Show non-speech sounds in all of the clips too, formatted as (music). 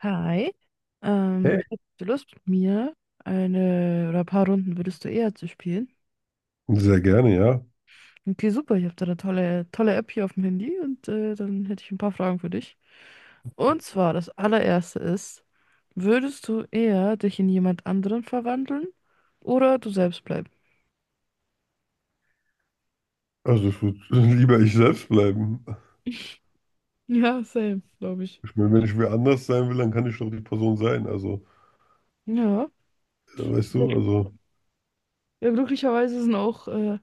Hi, Hey, hättest du Lust mit mir eine oder ein paar Runden würdest du eher zu spielen? sehr gerne, ja. Okay, super, ich habe da eine tolle, tolle App hier auf dem Handy und dann hätte ich ein paar Fragen für dich. Und zwar, das allererste ist, würdest du eher dich in jemand anderen verwandeln oder du selbst bleiben? Also ich würde (laughs) lieber ich selbst bleiben. Ja, same, glaube ich. Ich meine, wenn ich wer anders sein will, dann kann ich doch die Person sein. Also, Ja, weißt du, also, ja, glücklicherweise sind auch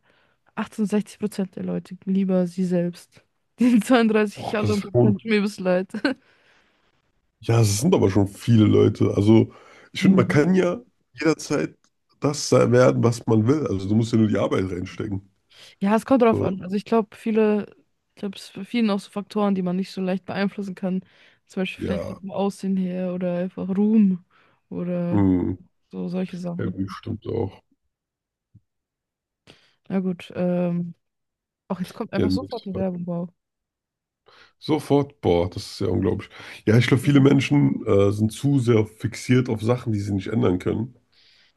68% der Leute lieber sie selbst. (laughs) Die 32 boah, das anderen ist schon, Prozent tun mir bis leid. ja, es sind aber schon viele Leute. Also, ich finde, man kann (laughs) ja jederzeit werden, was man will. Also, du musst ja nur die Arbeit reinstecken. Ja, es kommt drauf an. So, Also ich glaube, ich glaube, es ist bei vielen auch so Faktoren, die man nicht so leicht beeinflussen kann. Zum Beispiel vielleicht so ja, vom Aussehen her oder einfach Ruhm oder hm, so solche ja, Sachen. gut, stimmt auch. Na gut, auch jetzt kommt Ja, einfach sofort nächste eine Frage. Werbung, wow. Sofort, boah, das ist ja unglaublich. Ja, ich glaube, Ja, viele Menschen sind zu sehr fixiert auf Sachen, die sie nicht ändern können.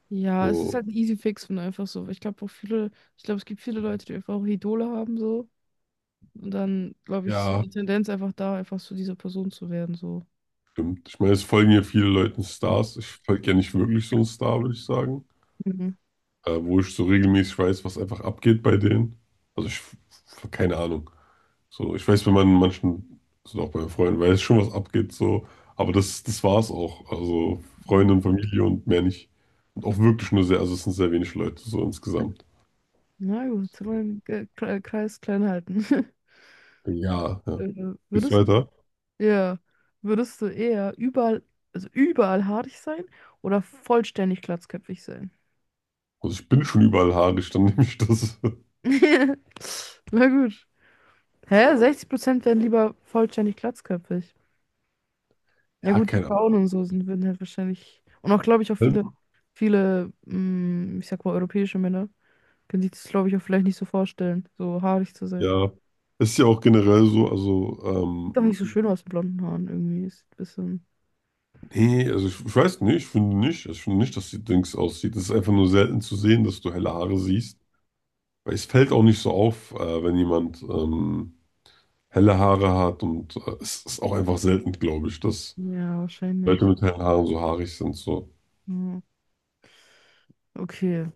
ja, es ist So, halt ein Easy Fix und einfach so. Ich glaube auch ich glaube, es gibt viele Leute, die einfach auch Idole haben so. Und dann, glaube ich, ist so ja. die Tendenz einfach da, einfach zu dieser Person zu werden, so. Stimmt. Ich meine, es folgen ja viele Leuten Stars. Ich folge ja nicht wirklich so einen Star, würde ich sagen. Mhm. Wo ich so regelmäßig weiß, was einfach abgeht bei denen. Also ich, keine Ahnung. So, ich weiß, wenn man manchen, also auch bei meinen Freunden, weiß schon, was abgeht, so. Aber das war es auch. Also Ja. Freunde und Familie und mehr nicht. Und auch wirklich nur sehr, also es sind sehr wenig Leute, so insgesamt. Na gut, wollen wir den Kreis klein halten. (laughs) Ja, ja. Geht's Würdest weiter? Ja. Würdest du eher überall, also überall haarig sein oder vollständig glatzköpfig sein? Also ich bin schon überall haarig, dann (laughs) nehme ich das. (laughs) (laughs) Na gut. Hä? 60% werden lieber vollständig glatzköpfig. Ja Ja, gut, die keine Frauen und so sind, würden halt wahrscheinlich. Und auch, glaube ich, auch Ahnung. viele, viele, ich sag mal, europäische Männer können sich das, glaube ich, auch vielleicht nicht so vorstellen, so haarig zu sein. Ja. Ist ja auch generell so, also Ist doch nicht so schön aus mit blonden Haaren irgendwie. Ist ein bisschen. nee, also ich weiß nicht, ich finde nicht, also ich finde nicht, dass die Dings aussieht. Es ist einfach nur selten zu sehen, dass du helle Haare siehst. Weil es fällt auch nicht so auf, wenn jemand helle Haare hat und es ist auch einfach selten, glaube ich, dass Ja, Leute wahrscheinlich. mit hellen Haaren so haarig sind. So, Ja. Okay.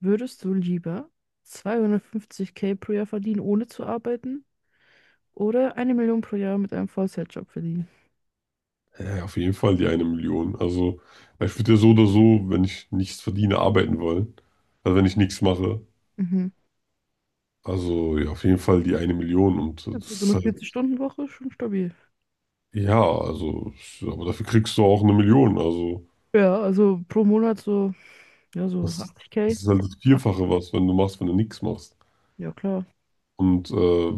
Würdest du lieber 250k pro Jahr verdienen, ohne zu arbeiten, oder eine Million pro Jahr mit einem Vollzeitjob verdienen? ja, ja, auf jeden Fall die eine Million. Also ich würde ja so oder so, wenn ich nichts verdiene, arbeiten wollen. Also wenn ich nichts mache. Mhm. Also ja, auf jeden Fall die eine Million und Ja, das für so eine ist halt, 40-Stunden-Woche schon stabil. ja, also, aber dafür kriegst du auch eine Million. Also. Ja, also pro Monat so, ja, so Das, 80k. das ist halt das Ach, Vierfache was, wenn du machst, wenn du nichts machst. ja, klar. Und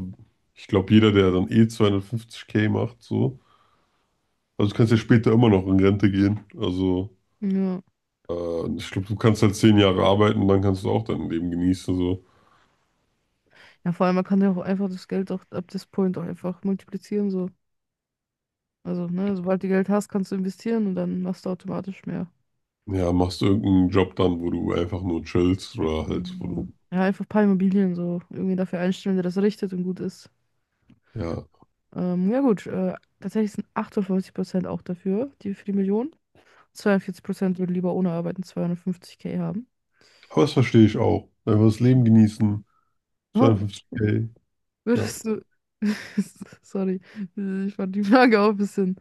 ich glaube, jeder, der dann eh 250K macht, so, also du kannst ja später immer noch in Rente gehen. Also Ja. Ich glaube, du kannst halt 10 Jahre arbeiten und dann kannst du auch dein Leben genießen. So. Ja, vor allem, man kann ja auch einfach das Geld auch ab this point auch einfach multiplizieren, so. Also, ne, sobald du Geld hast, kannst du investieren und dann machst du automatisch mehr. Ja, machst du irgendeinen Job dann, wo du einfach nur chillst oder halt, wo Ja, du, ja, einfach ein paar Immobilien so irgendwie dafür einstellen, der das richtet und gut ist. ja. Ja gut, tatsächlich sind 58% auch dafür, die für die Million. Zweiundvierzig Prozent würden lieber ohne Arbeiten 250k haben. Aber das verstehe ich auch. Einfach das Leben genießen, Oh, 250K ja. würdest du? (laughs) Sorry, ich fand die Frage auch ein bisschen.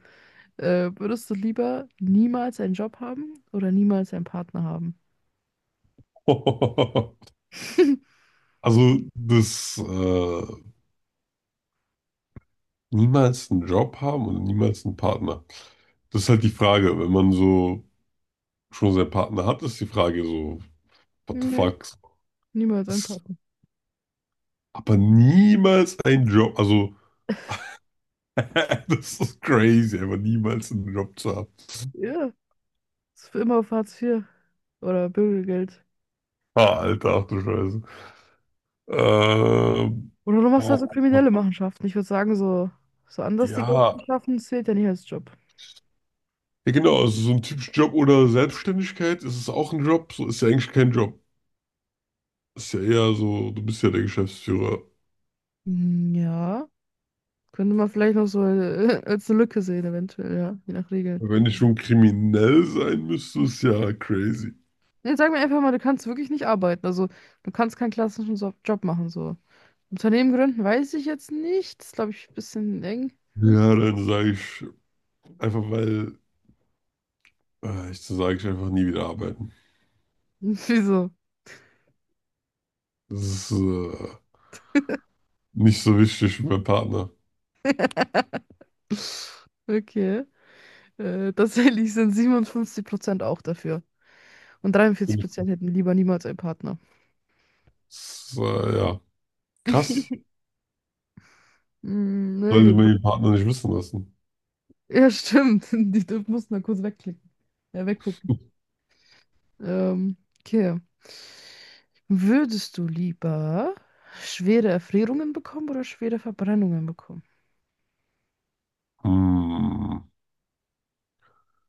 Würdest du lieber niemals einen Job haben oder niemals einen Partner haben? (laughs) (laughs) Also das niemals einen Job haben und niemals einen Partner. Das ist halt die Frage. Wenn man so schon seinen Partner hat, ist die Frage so, what the Nee, fuck? niemals einen Ist Partner. aber niemals ein Job. Also, (laughs) das ist crazy, aber niemals einen Job zu haben. Ja, ist für immer auf Hartz IV oder Bürgergeld. Ah, Alter, ach du Scheiße. Ähm, Oder du machst halt Boah, so kriminelle Machenschaften. Ich würde sagen, so, so anders die Geld ja. zu schaffen, zählt ja nicht als Job. Ja, genau, also so ein typischer Job oder Selbstständigkeit, ist es auch ein Job? So ist ja eigentlich kein Job. Ist ja eher so, du bist ja der Geschäftsführer. Mm, ja. Könnte man vielleicht noch so als eine Lücke sehen, eventuell, ja, je nach Regeln. Wenn ich schon kriminell sein müsste, ist ja crazy. Nee, sag mir einfach mal, du kannst wirklich nicht arbeiten. Also, du kannst keinen klassischen so Job machen, so. Unternehmen gründen weiß ich jetzt nicht. Das ist, glaube ich, ein bisschen eng. Ja, dann sage ich einfach, weil ich sage ich einfach nie wieder arbeiten. (laughs) Wieso? Das ist nicht so wichtig für meinen Partner. Okay. Tatsächlich sind 57% auch dafür. Und Finde ich, 43% hätten lieber niemals einen Partner. das ist, ja, krass. (laughs) Hm, na Sollte gut. man den Partner nicht wissen lassen. Ja, stimmt. (laughs) Die mussten da kurz wegklicken. Ja, weggucken. Okay. Würdest du lieber schwere Erfrierungen bekommen oder schwere Verbrennungen bekommen? Hm.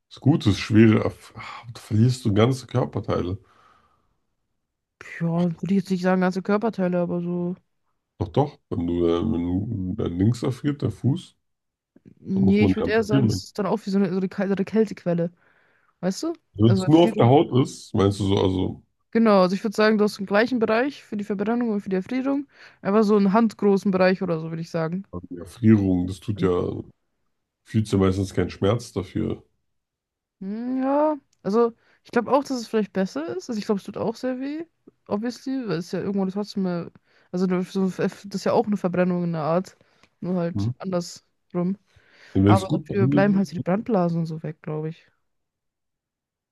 Das Gute ist schwere. Ah, du verlierst du ganze Körperteile. Ja, würde ich jetzt nicht sagen, ganze Körperteile, aber so. Doch, doch. Wenn du, wenn du dein Links erfriert, der Fuß, dann muss Nee, man ich den würde eher sagen, das amputieren. ist dann auch wie so eine Kältequelle. Weißt du? Wenn Also es nur auf der Erfrierung. Haut ist, meinst du so, also Genau, also ich würde sagen, du hast den gleichen Bereich für die Verbrennung und für die Erfrierung. Aber so einen handgroßen Bereich oder so, würde ich sagen. die Erfrierung, das tut ja. Fühlst du meistens keinen Schmerz dafür. Hm, ja, also ich glaube auch, dass es vielleicht besser ist. Also ich glaube, es tut auch sehr weh, obviously, weil es ja irgendwo trotzdem mal, also so, das ist ja auch eine Verbrennung in der Art, nur Hm? halt andersrum. Wenn es Aber gut dafür behandelt bleiben halt so die wird. Brandblasen und so weg, glaube ich.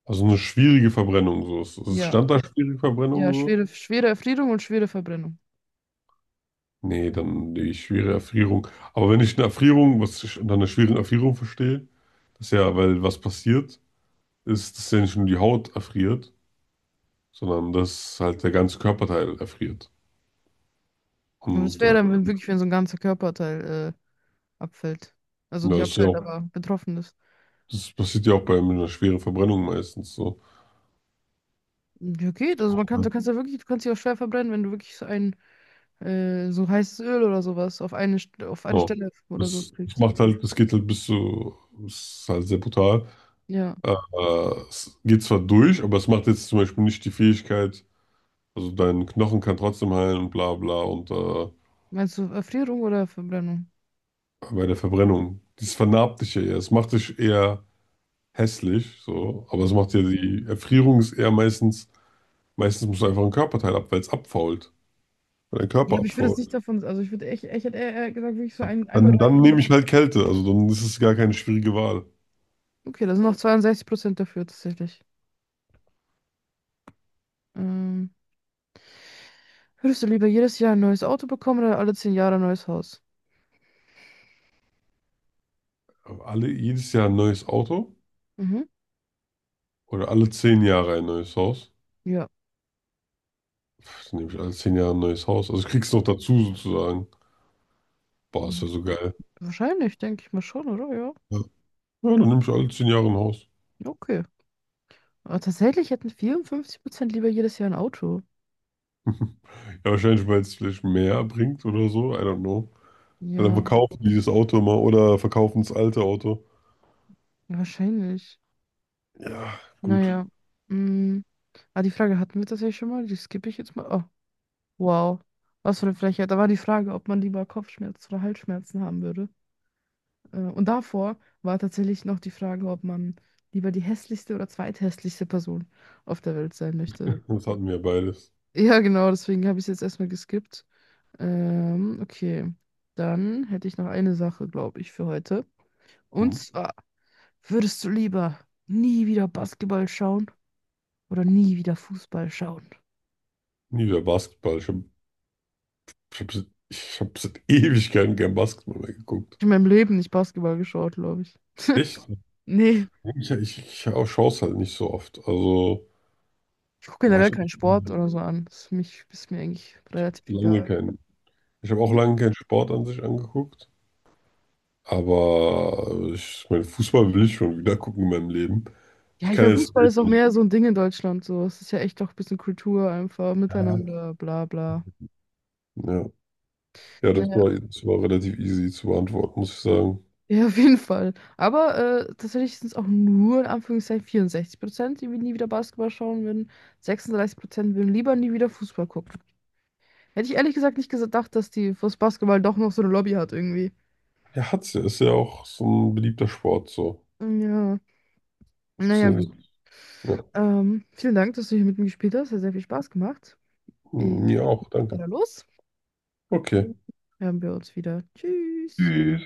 Also eine schwierige Verbrennung so. Es Ja, stand da schwierige Verbrennung ja, so? schwere, schwere Erfrierung und schwere Verbrennung. Nee, dann die schwere Erfrierung. Aber wenn ich eine Erfrierung, was ich unter einer schweren Erfrierung verstehe, das ist ja, weil was passiert, ist, dass ja nicht nur die Haut erfriert, sondern dass halt der ganze Körperteil erfriert. Aber das Und wäre ja, dann wenn wirklich, wenn so ein ganzer Körperteil abfällt. Also nicht das ist ja abfällt, auch, aber betroffen ist. das passiert ja auch bei einer schweren Verbrennung meistens so. Ja, geht. Also man kann, Ja. Du kannst dich auch schwer verbrennen, wenn du wirklich so einen so heißes Öl oder sowas auf auf eine Ja. Stelle oder so Das kriegst. macht halt, das geht halt bis zu, das ist halt sehr brutal. Ja. Äh, Es geht zwar durch, aber es macht jetzt zum Beispiel nicht die Fähigkeit, also dein Knochen kann trotzdem heilen und bla bla und Meinst du Erfrierung oder Verbrennung? bei der Verbrennung. Das vernarbt dich ja eher. Es macht dich eher hässlich, so, aber es Mhm. macht ja die Erfrierung ist eher meistens, meistens musst du einfach einen Körperteil ab, weil es abfault, weil dein Ja, Körper aber ich würde es abfault. nicht davon, also ich würde echt, ich hätte eher gesagt, wirklich so ein Dann, Bereich. dann nehme ich halt Kälte, also dann ist es gar keine schwierige Wahl. Okay, da sind noch 62% dafür tatsächlich. Ähm, würdest du lieber jedes Jahr ein neues Auto bekommen oder alle 10 Jahre ein neues Haus? Aber alle, jedes Jahr ein neues Auto Mhm. oder alle 10 Jahre ein neues Haus? Ja. Pff, dann nehme ich alle 10 Jahre ein neues Haus. Also ich krieg's noch dazu sozusagen. Boah, ist ja Hm, so geil. Wahrscheinlich, denke ich mal schon, oder? Ja. Ja. Ja, dann nehme ich alle 10 Jahre ein Haus. Ja, okay. Aber tatsächlich hätten 54% lieber jedes Jahr ein Auto. Ja, wahrscheinlich, weil es vielleicht mehr bringt oder so. I don't know. Weil dann Ja, verkaufen die das Auto mal oder verkaufen das alte Auto. wahrscheinlich. Ja, gut. Naja. Mm. Ah, die Frage hatten wir tatsächlich schon mal. Die skippe ich jetzt mal. Oh, wow. Was für eine Frechheit. Da war die Frage, ob man lieber Kopfschmerzen oder Halsschmerzen haben würde. Und davor war tatsächlich noch die Frage, ob man lieber die hässlichste oder zweithässlichste Person auf der Welt sein möchte. (laughs) Das hatten wir ja beides. Ja, genau, deswegen habe ich es jetzt erstmal geskippt. Okay. Dann hätte ich noch eine Sache, glaube ich, für heute. Und Hm. zwar, würdest du lieber nie wieder Basketball schauen oder nie wieder Fußball schauen? Nie wieder Basketball. Ich hab, ich hab seit (laughs) Ewigkeiten kein Basketball mehr geguckt. Ich habe in meinem Leben nicht Basketball geschaut, glaube ich. Echt? Nee, Ja, ich auch schaue es halt nicht so oft. Also, ich gucke boah, generell ich habe keinen Sport oder so an. Das ist, ist mir eigentlich relativ lange egal. keinen. Ich habe auch lange keinen Sport an sich angeguckt. Aber ich meine, Fußball will ich schon wieder gucken in meinem Leben. Ich Ja, ich kann meine, jetzt Fußball ist auch nicht. mehr so ein Ding in Deutschland. So, es ist ja echt auch ein bisschen Kultur einfach, Ja. miteinander, bla bla. Ja, ja, das Naja. war, das war relativ easy zu beantworten, muss ich sagen. Ja, auf jeden Fall. Aber tatsächlich sind es auch nur in Anführungszeichen 64%, die nie wieder Basketball schauen würden. 36% würden lieber nie wieder Fußball gucken. Hätte ich ehrlich gesagt nicht gedacht, dass die fürs Basketball doch noch so eine Lobby hat irgendwie. Ja, hat's ja. Ist ja auch so ein beliebter Sport, so. Ja, Ist naja, ja- gut. Ja, Vielen Dank, dass du hier mit mir gespielt hast. Hat sehr viel Spaß gemacht. Ich mir auch, danke. gehe los. Okay. Dann hören wir uns wieder. Tschüss. Tschüss.